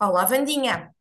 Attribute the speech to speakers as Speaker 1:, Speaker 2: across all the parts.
Speaker 1: Olá, Vandinha.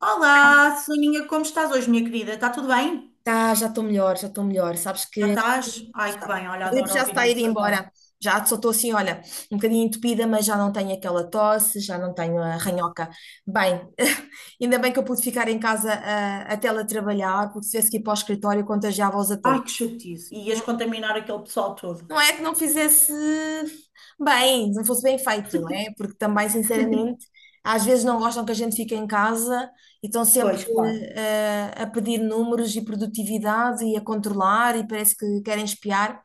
Speaker 2: Olá, Soninha, como estás hoje, minha querida? Está tudo bem?
Speaker 1: Tá, já estou melhor, já estou melhor. Sabes
Speaker 2: Já
Speaker 1: que
Speaker 2: estás? Ai, que
Speaker 1: está.
Speaker 2: bem,
Speaker 1: A
Speaker 2: olha,
Speaker 1: gripe
Speaker 2: adoro
Speaker 1: já se
Speaker 2: ouvir
Speaker 1: está a ir
Speaker 2: isso agora.
Speaker 1: embora. Já só estou assim, olha, um bocadinho entupida, mas já não tenho aquela tosse, já não tenho a
Speaker 2: Pois.
Speaker 1: ranhoca. Bem, ainda bem que eu pude ficar em casa a teletrabalhar, porque se tivesse que ir para o escritório, contagiava-os a todos.
Speaker 2: Ai, que chatice. E ias contaminar aquele pessoal todo.
Speaker 1: Não é que não fizesse bem, não fosse bem feito, não é? Porque também, sinceramente, às vezes não gostam que a gente fique em casa e estão sempre
Speaker 2: Pois, claro,
Speaker 1: a pedir números e produtividade e a controlar e parece que querem espiar,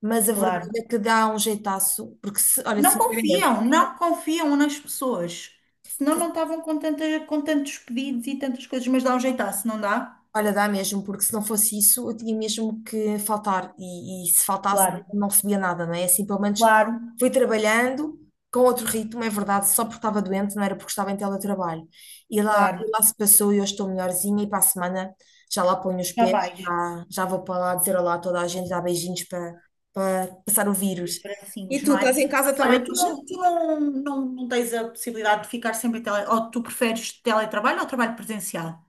Speaker 1: mas a verdade
Speaker 2: claro.
Speaker 1: é que dá um jeitaço, porque se, olha,
Speaker 2: Não
Speaker 1: sinceramente,
Speaker 2: confiam, não confiam nas pessoas. Senão não estavam com, tanta, com tantos pedidos e tantas coisas, mas dá um jeitar, se não dá?
Speaker 1: olha, dá mesmo, porque se não fosse isso, eu tinha mesmo que faltar. E se faltasse,
Speaker 2: Claro,
Speaker 1: não recebia nada, não é? É assim, pelo menos
Speaker 2: claro,
Speaker 1: fui trabalhando com outro ritmo, é verdade, só porque estava doente, não era porque estava em teletrabalho.
Speaker 2: claro.
Speaker 1: E lá se passou e eu estou melhorzinha. E para a semana já lá ponho os
Speaker 2: Já
Speaker 1: pés,
Speaker 2: vais.
Speaker 1: já, já vou para lá dizer olá a toda a gente, dar beijinhos para, para passar o
Speaker 2: E
Speaker 1: vírus. E
Speaker 2: tracinhos,
Speaker 1: tu,
Speaker 2: não é?
Speaker 1: estás em casa
Speaker 2: Mas
Speaker 1: também
Speaker 2: olha, tu
Speaker 1: hoje?
Speaker 2: não, tu não, não, não tens a possibilidade de ficar sempre em Ou tu preferes teletrabalho ou trabalho presencial?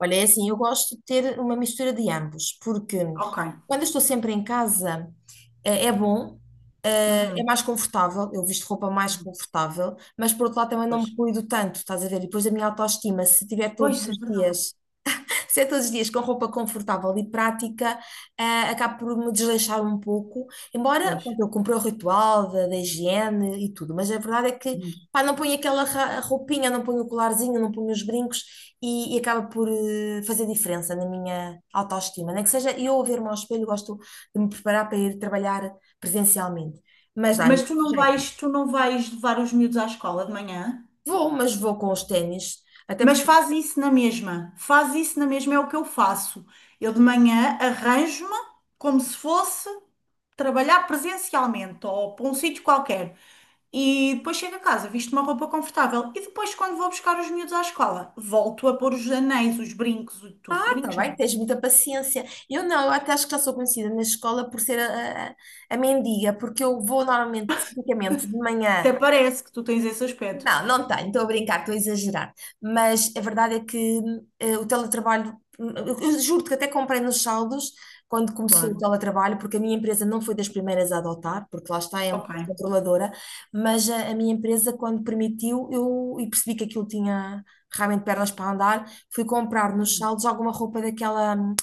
Speaker 1: Olha, é assim, eu gosto de ter uma mistura de ambos, porque
Speaker 2: Ok.
Speaker 1: quando eu estou sempre em casa, é bom, é
Speaker 2: Uhum.
Speaker 1: mais confortável, eu visto roupa mais
Speaker 2: Uhum.
Speaker 1: confortável, mas por outro lado também não
Speaker 2: Pois.
Speaker 1: me cuido tanto, estás a ver? E depois a minha autoestima, se tiver
Speaker 2: Pois,
Speaker 1: todos
Speaker 2: isso é
Speaker 1: os
Speaker 2: verdade.
Speaker 1: dias ser todos os dias com roupa confortável e prática, acabo por me desleixar um pouco, embora
Speaker 2: Pois.
Speaker 1: pronto, eu cumpra o ritual da higiene e tudo, mas a verdade é que
Speaker 2: Uhum.
Speaker 1: pá, não ponho aquela roupinha, não ponho o colarzinho, não ponho os brincos e acaba por fazer diferença na minha autoestima. Nem que seja eu a ver-me ao espelho, gosto de me preparar para ir trabalhar presencialmente, mas dá
Speaker 2: Mas
Speaker 1: imenso
Speaker 2: tu não
Speaker 1: jeito.
Speaker 2: vais, tu não vais levar os miúdos à escola de manhã?
Speaker 1: Vou, mas vou com os ténis, até
Speaker 2: Mas faz isso na mesma. Faz isso na mesma, é o que eu faço. Eu de manhã arranjo-me como se fosse trabalhar presencialmente ou para um sítio qualquer. E depois chego a casa, visto uma roupa confortável. E depois, quando vou buscar os miúdos à escola, volto a pôr os anéis, os brincos, tudo.
Speaker 1: ah, tá
Speaker 2: Brincos
Speaker 1: bem,
Speaker 2: não.
Speaker 1: tens muita paciência. Eu não, eu até acho que já sou conhecida na escola por ser a mendiga, porque eu vou normalmente, tipicamente, de
Speaker 2: Até
Speaker 1: manhã
Speaker 2: parece que tu tens esse aspecto.
Speaker 1: não, não tenho, estou a brincar, estou a exagerar. Mas a verdade é que o teletrabalho, eu juro-te que até comprei nos saldos quando começou o
Speaker 2: Claro.
Speaker 1: teletrabalho, porque a minha empresa não foi das primeiras a adotar, porque lá está, é um
Speaker 2: Ok.
Speaker 1: bocado controladora, mas a minha empresa, quando permitiu, eu e percebi que aquilo tinha realmente pernas para andar, fui comprar nos
Speaker 2: Uhum.
Speaker 1: saldos alguma roupa daquela hum,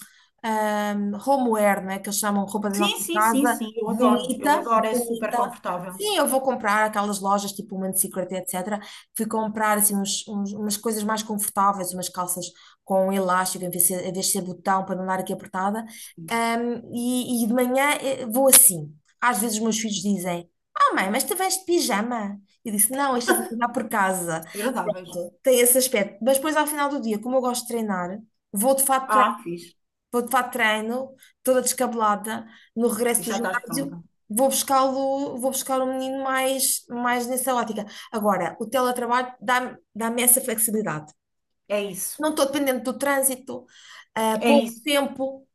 Speaker 1: hum, homeware, né, que eles chamam roupa da nossa
Speaker 2: Sim, sim, sim,
Speaker 1: casa,
Speaker 2: sim, eu adoro, eu
Speaker 1: bonita,
Speaker 2: adoro, é super
Speaker 1: bonita.
Speaker 2: confortável.
Speaker 1: Sim, eu vou comprar aquelas lojas tipo Human Secret, etc. Fui comprar assim uns, umas coisas mais confortáveis, umas calças com elástico em vez de ser, em vez de ser botão para não dar aqui apertada.
Speaker 2: Sim,
Speaker 1: E de manhã vou assim. Às vezes os meus filhos dizem: Ah, mãe, mas tu vens de pijama? Eu disse: Não, isto é para treinar por casa.
Speaker 2: agradáveis.
Speaker 1: Tem esse aspecto. Mas depois, ao final do dia, como eu gosto de treinar, vou de fato,
Speaker 2: Ah, fiz.
Speaker 1: vou para treino, toda descabelada, no
Speaker 2: E
Speaker 1: regresso do
Speaker 2: já estás pronta.
Speaker 1: ginásio, vou buscá-lo, vou buscar o menino mais, mais nessa ótica. Agora, o teletrabalho dá-me essa flexibilidade.
Speaker 2: É isso,
Speaker 1: Não estou dependente do trânsito,
Speaker 2: é
Speaker 1: pouco
Speaker 2: isso.
Speaker 1: tempo,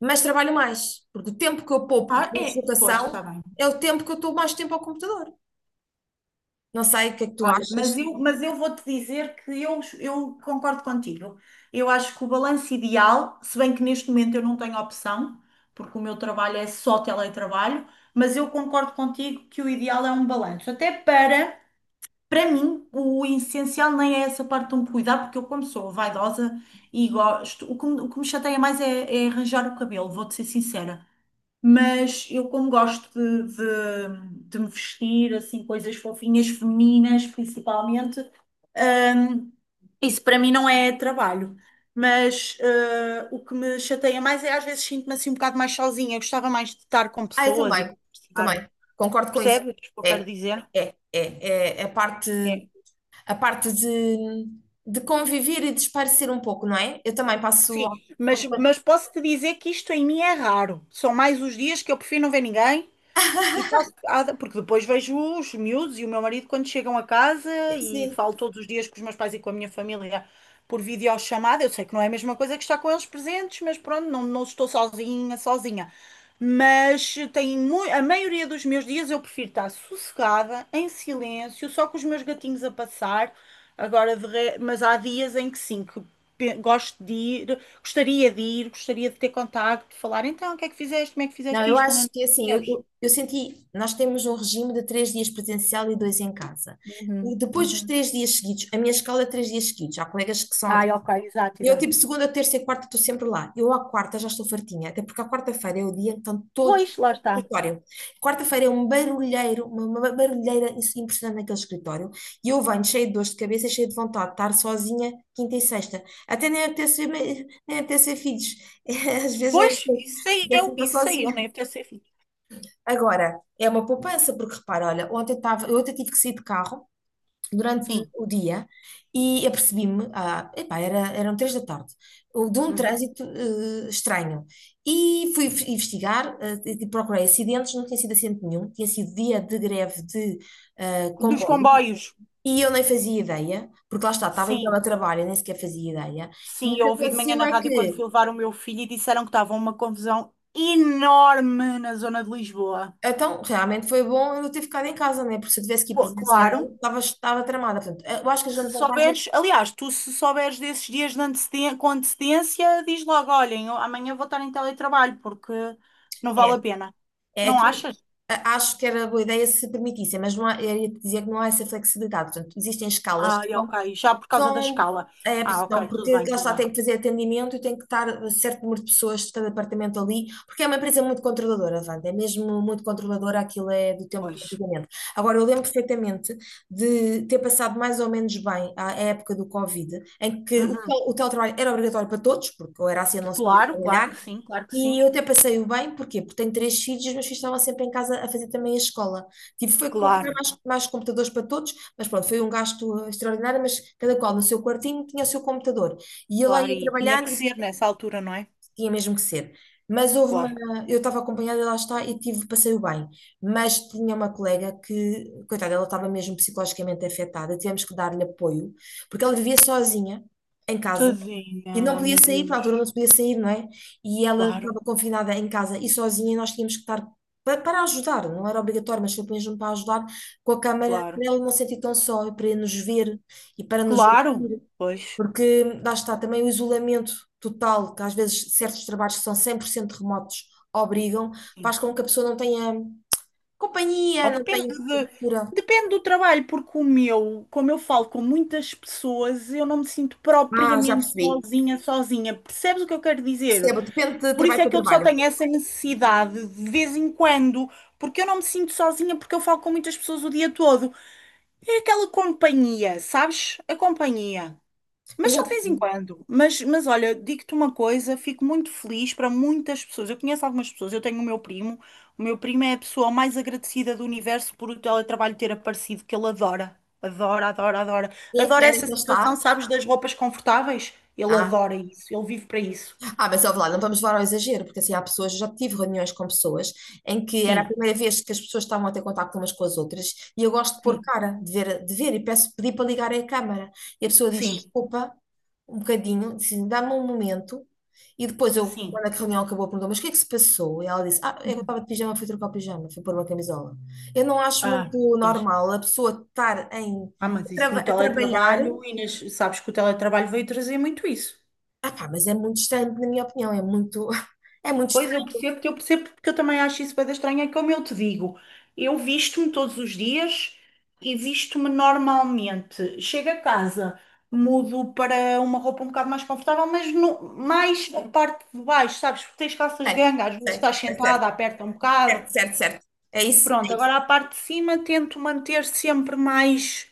Speaker 1: mas trabalho mais, porque o tempo que eu poupo
Speaker 2: Ah,
Speaker 1: de
Speaker 2: é, pois,
Speaker 1: deslocação
Speaker 2: está bem.
Speaker 1: é o tempo que eu estou mais tempo ao computador. Não sei o que é que tu
Speaker 2: Olha, mas
Speaker 1: achas.
Speaker 2: eu, mas eu vou-te dizer que eu concordo contigo. Eu acho que o balanço ideal, se bem que neste momento eu não tenho opção, porque o meu trabalho é só teletrabalho, mas eu concordo contigo que o ideal é um balanço. Até para. Para mim, o essencial nem é essa parte de me cuidar, porque eu, como sou vaidosa e gosto, o que me chateia mais é, é arranjar o cabelo, vou-te ser sincera. Mas eu, como gosto de me vestir, assim, coisas fofinhas, femininas, principalmente, hum, isso para mim não é trabalho. Mas o que me chateia mais é às vezes sinto-me assim um bocado mais sozinha. Eu gostava mais de estar com
Speaker 1: Ah, eu
Speaker 2: pessoas e
Speaker 1: também,
Speaker 2: conversar.
Speaker 1: também, concordo com isso.
Speaker 2: Percebes o que eu quero
Speaker 1: É,
Speaker 2: dizer?
Speaker 1: é, é, é a parte, a parte de conviver e de esparecer um pouco, não é? Eu também passo
Speaker 2: Sim,
Speaker 1: ao-
Speaker 2: mas posso te dizer que isto em mim é raro. São mais os dias que eu prefiro não ver ninguém e tá, porque depois vejo os miúdos e o meu marido quando chegam a casa e
Speaker 1: sim.
Speaker 2: falo todos os dias com os meus pais e com a minha família por videochamada. Eu sei que não é a mesma coisa que estar com eles presentes, mas pronto, não, não estou sozinha, sozinha. Mas a maioria dos meus dias eu prefiro estar sossegada, em silêncio, só com os meus gatinhos a passar. Agora, mas há dias em que sim, que gosto de ir, gostaria de ir, gostaria de ter contacto, de falar, então, o que é que fizeste, como é que
Speaker 1: Não,
Speaker 2: fizeste
Speaker 1: eu
Speaker 2: isto? Não, não,
Speaker 1: acho
Speaker 2: não,
Speaker 1: que assim, eu senti, nós temos um regime de três dias presencial e dois em casa.
Speaker 2: uhum,
Speaker 1: E depois dos
Speaker 2: uhum.
Speaker 1: três dias seguidos, a minha escola é três dias seguidos. Há colegas que são
Speaker 2: Ai, ok, exato,
Speaker 1: e eu,
Speaker 2: exato.
Speaker 1: tipo, segunda, terça e quarta estou sempre lá. Eu, à quarta, já estou fartinha, até porque à quarta-feira é o dia em que estão todos
Speaker 2: Pois, lá
Speaker 1: no
Speaker 2: está.
Speaker 1: escritório. Quarta-feira é um barulheiro, uma barulheira impressionante naquele escritório. E eu venho cheia de dores de cabeça, e cheia de vontade de estar sozinha quinta e sexta. Até nem apetece ver, nem apetece ver filhos. Às vezes nem
Speaker 2: Pois,
Speaker 1: apetece apetece estar
Speaker 2: isso sei eu,
Speaker 1: sozinha.
Speaker 2: nem até ser filho.
Speaker 1: Agora, é uma poupança, porque repara, olha, ontem, estava eu ontem tive que sair de carro durante
Speaker 2: Sim.
Speaker 1: o dia e apercebi-me, ah, epá, era, eram três da tarde, o- de um
Speaker 2: Uhum.
Speaker 1: trânsito estranho. E fui investigar, e procurei acidentes, não tinha sido acidente nenhum, tinha sido dia de greve de
Speaker 2: Dos
Speaker 1: comboio.
Speaker 2: comboios.
Speaker 1: E eu nem fazia ideia, porque lá está, estava em
Speaker 2: Sim,
Speaker 1: teletrabalho, eu nem sequer fazia ideia. E
Speaker 2: sim,
Speaker 1: o que
Speaker 2: eu ouvi de manhã
Speaker 1: aconteceu
Speaker 2: na
Speaker 1: é
Speaker 2: rádio quando
Speaker 1: que,
Speaker 2: fui levar o meu filho e disseram que estava uma confusão enorme na zona de Lisboa.
Speaker 1: então, realmente foi bom eu ter ficado em casa, né? Porque se eu tivesse que ir
Speaker 2: Pô,
Speaker 1: presencial,
Speaker 2: claro,
Speaker 1: estava, estava tramada. Portanto, eu acho que as
Speaker 2: se
Speaker 1: grandes
Speaker 2: souberes,
Speaker 1: vantagens
Speaker 2: aliás, tu se souberes desses dias de antecedência, com antecedência, diz logo, olhem, eu amanhã vou estar em teletrabalho porque não vale
Speaker 1: é
Speaker 2: a pena.
Speaker 1: É
Speaker 2: Não
Speaker 1: que,
Speaker 2: achas?
Speaker 1: acho que era boa ideia se permitissem, mas não há, eu ia te dizer que não há essa flexibilidade. Portanto, existem escalas que
Speaker 2: Ai,
Speaker 1: são,
Speaker 2: ok. Já por causa da
Speaker 1: são,
Speaker 2: escala. Ah, ok, tudo
Speaker 1: porque
Speaker 2: bem,
Speaker 1: lá
Speaker 2: tudo
Speaker 1: está, tem
Speaker 2: bem.
Speaker 1: que fazer atendimento e tem que estar certo número de pessoas de cada apartamento ali, porque é uma empresa muito controladora, Wanda, é mesmo muito controladora, aquilo é do tempo do
Speaker 2: Pois.
Speaker 1: antigamente. Agora, eu lembro perfeitamente de ter passado mais ou menos bem a época do Covid, em que
Speaker 2: Uhum.
Speaker 1: o teletrabalho era obrigatório para todos, porque ou era assim ou não se podia
Speaker 2: Claro, claro
Speaker 1: trabalhar,
Speaker 2: que sim, claro que
Speaker 1: e
Speaker 2: sim.
Speaker 1: eu até passei o bem, porquê? Porque tenho três filhos e os meus filhos estavam sempre em casa a fazer também a escola. Tive foi que comprar
Speaker 2: Claro,
Speaker 1: mais, mais computadores para todos, mas pronto, foi um gasto extraordinário, mas cada qual no seu quartinho tinha o seu computador. E eu lá
Speaker 2: claro.
Speaker 1: ia
Speaker 2: E tinha que
Speaker 1: trabalhar, e
Speaker 2: ser nessa altura, não é?
Speaker 1: tinha mesmo que ser. Mas houve uma,
Speaker 2: Claro.
Speaker 1: eu estava acompanhada, lá está, e tive, passei o bem. Mas tinha uma colega que, coitada, ela estava mesmo psicologicamente afetada, tivemos que dar-lhe apoio, porque ela vivia sozinha em casa e
Speaker 2: Tadinha,
Speaker 1: não podia
Speaker 2: meu
Speaker 1: sair, para a altura
Speaker 2: Deus.
Speaker 1: não se podia sair, não é? E ela
Speaker 2: Claro,
Speaker 1: estava confinada em casa e sozinha, e nós tínhamos que estar para ajudar, não era obrigatório, mas foi mesmo para ajudar com a câmara,
Speaker 2: claro.
Speaker 1: para ela não se sentir tão só, e para nos ver e para nos
Speaker 2: Claro,
Speaker 1: ouvir,
Speaker 2: pois.
Speaker 1: porque lá está também o isolamento total, que às vezes certos trabalhos que são 100% remotos obrigam,
Speaker 2: Sim.
Speaker 1: faz com que a pessoa não tenha
Speaker 2: Ou
Speaker 1: companhia, não tenha cultura.
Speaker 2: depende do trabalho, porque o meu, como eu falo com muitas pessoas, eu não me sinto
Speaker 1: Ah, já
Speaker 2: propriamente
Speaker 1: percebi.
Speaker 2: sozinha, sozinha. Percebes o que eu quero dizer?
Speaker 1: Percebo, depende de
Speaker 2: Por isso
Speaker 1: trabalho
Speaker 2: é
Speaker 1: para
Speaker 2: que eu só
Speaker 1: trabalho.
Speaker 2: tenho essa necessidade de vez em quando, porque eu não me sinto sozinha, porque eu falo com muitas pessoas o dia todo. É aquela companhia, sabes? A companhia. Mas
Speaker 1: Pois já
Speaker 2: só de vez em
Speaker 1: percebi.
Speaker 2: quando. Mas olha, digo-te uma coisa, fico muito feliz para muitas pessoas. Eu conheço algumas pessoas, eu tenho o meu primo. O meu primo é a pessoa mais agradecida do universo por o teletrabalho ter aparecido, que ele adora. Adora, adora, adora.
Speaker 1: E que
Speaker 2: Adora
Speaker 1: área
Speaker 2: essa
Speaker 1: que ele está?
Speaker 2: situação, sabes, das roupas confortáveis. Ele
Speaker 1: Ah.
Speaker 2: adora isso, ele vive para isso.
Speaker 1: Ah, mas ouve lá, não vamos levar ao exagero, porque assim há pessoas, eu já tive reuniões com pessoas em que era a
Speaker 2: Sim,
Speaker 1: primeira vez que as pessoas estavam a ter contacto umas com as outras e eu gosto de pôr
Speaker 2: sim,
Speaker 1: cara, de ver e peço, pedi para ligarem a câmara. E a pessoa diz
Speaker 2: sim.
Speaker 1: desculpa, um bocadinho, assim, dá-me um momento. E depois eu,
Speaker 2: Sim.
Speaker 1: quando a reunião acabou, perguntou, mas o que é que se passou? E ela disse, ah, eu
Speaker 2: Uhum.
Speaker 1: estava de pijama, fui trocar o pijama, fui pôr uma camisola. Eu não acho
Speaker 2: Ah,
Speaker 1: muito
Speaker 2: pois.
Speaker 1: normal a pessoa estar em,
Speaker 2: Ah, mas isso no
Speaker 1: a trabalhar,
Speaker 2: teletrabalho, Inês, sabes que o teletrabalho veio trazer muito isso.
Speaker 1: ah pá, mas é muito estranho, na minha opinião, é muito, é muito
Speaker 2: Pois
Speaker 1: estranho.
Speaker 2: eu percebo porque eu também acho isso bem estranho, é como eu te digo, eu visto-me todos os dias e visto-me normalmente. Chego a casa, mudo para uma roupa um bocado mais confortável, mas no, mais a parte de baixo, sabes? Porque tens calças de
Speaker 1: Sei,
Speaker 2: ganga, às vezes
Speaker 1: sei,
Speaker 2: estás
Speaker 1: sei,
Speaker 2: sentada,
Speaker 1: certo,
Speaker 2: aperta um bocado.
Speaker 1: certo. É isso,
Speaker 2: Pronto,
Speaker 1: é isso.
Speaker 2: agora a parte de cima tento manter sempre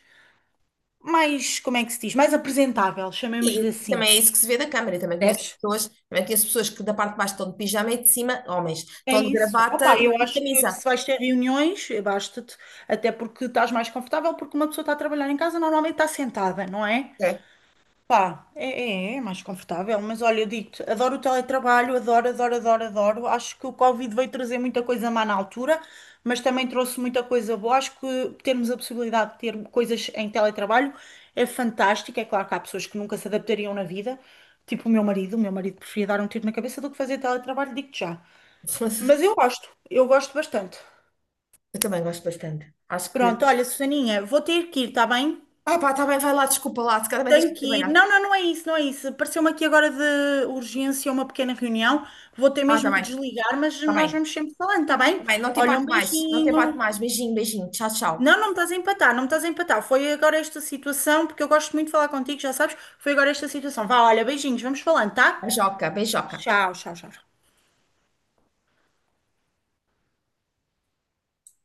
Speaker 2: mais, como é que se diz? Mais apresentável,
Speaker 1: E
Speaker 2: chamemos-lhe assim.
Speaker 1: também é isso que se vê da câmara. Eu
Speaker 2: Percebes?
Speaker 1: também conheço pessoas que da parte de baixo estão de pijama e de cima, homens,
Speaker 2: É
Speaker 1: estão de
Speaker 2: isso.
Speaker 1: gravata
Speaker 2: Opa, eu
Speaker 1: e
Speaker 2: acho que
Speaker 1: camisa.
Speaker 2: se vais ter reuniões, basta-te, até porque estás mais confortável, porque uma pessoa está a trabalhar em casa, normalmente está sentada, não é?
Speaker 1: É.
Speaker 2: Pá, é mais confortável, mas olha, eu digo-te, adoro o teletrabalho, adoro, adoro, adoro, adoro. Acho que o Covid veio trazer muita coisa má na altura, mas também trouxe muita coisa boa. Acho que termos a possibilidade de ter coisas em teletrabalho é fantástico. É claro que há pessoas que nunca se adaptariam na vida, tipo o meu marido. O meu marido preferia dar um tiro na cabeça do que fazer teletrabalho, digo-te já. Mas eu gosto, eu gosto bastante.
Speaker 1: Eu também gosto bastante. Acho que.
Speaker 2: Pronto, olha, Susaninha, vou ter que ir, está bem?
Speaker 1: Ah, pá, está bem, vai lá, desculpa lá, se calhar também tens
Speaker 2: Tenho
Speaker 1: que
Speaker 2: que ir.
Speaker 1: trabalhar.
Speaker 2: Não, não é isso, não é isso. Pareceu-me aqui agora de urgência uma pequena reunião. Vou ter
Speaker 1: Ah, está
Speaker 2: mesmo que
Speaker 1: bem,
Speaker 2: desligar, mas
Speaker 1: está
Speaker 2: nós
Speaker 1: bem,
Speaker 2: vamos sempre falando, está
Speaker 1: está
Speaker 2: bem?
Speaker 1: bem,
Speaker 2: Olha, um
Speaker 1: não te empato
Speaker 2: beijinho.
Speaker 1: mais. Beijinho, beijinho, tchau, tchau.
Speaker 2: Não, não me estás a empatar, não me estás a empatar. Foi agora esta situação, porque eu gosto muito de falar contigo, já sabes. Foi agora esta situação. Vá, olha, beijinhos, vamos falando, tá?
Speaker 1: Beijoca, beijoca.
Speaker 2: Tchau, tchau, tchau.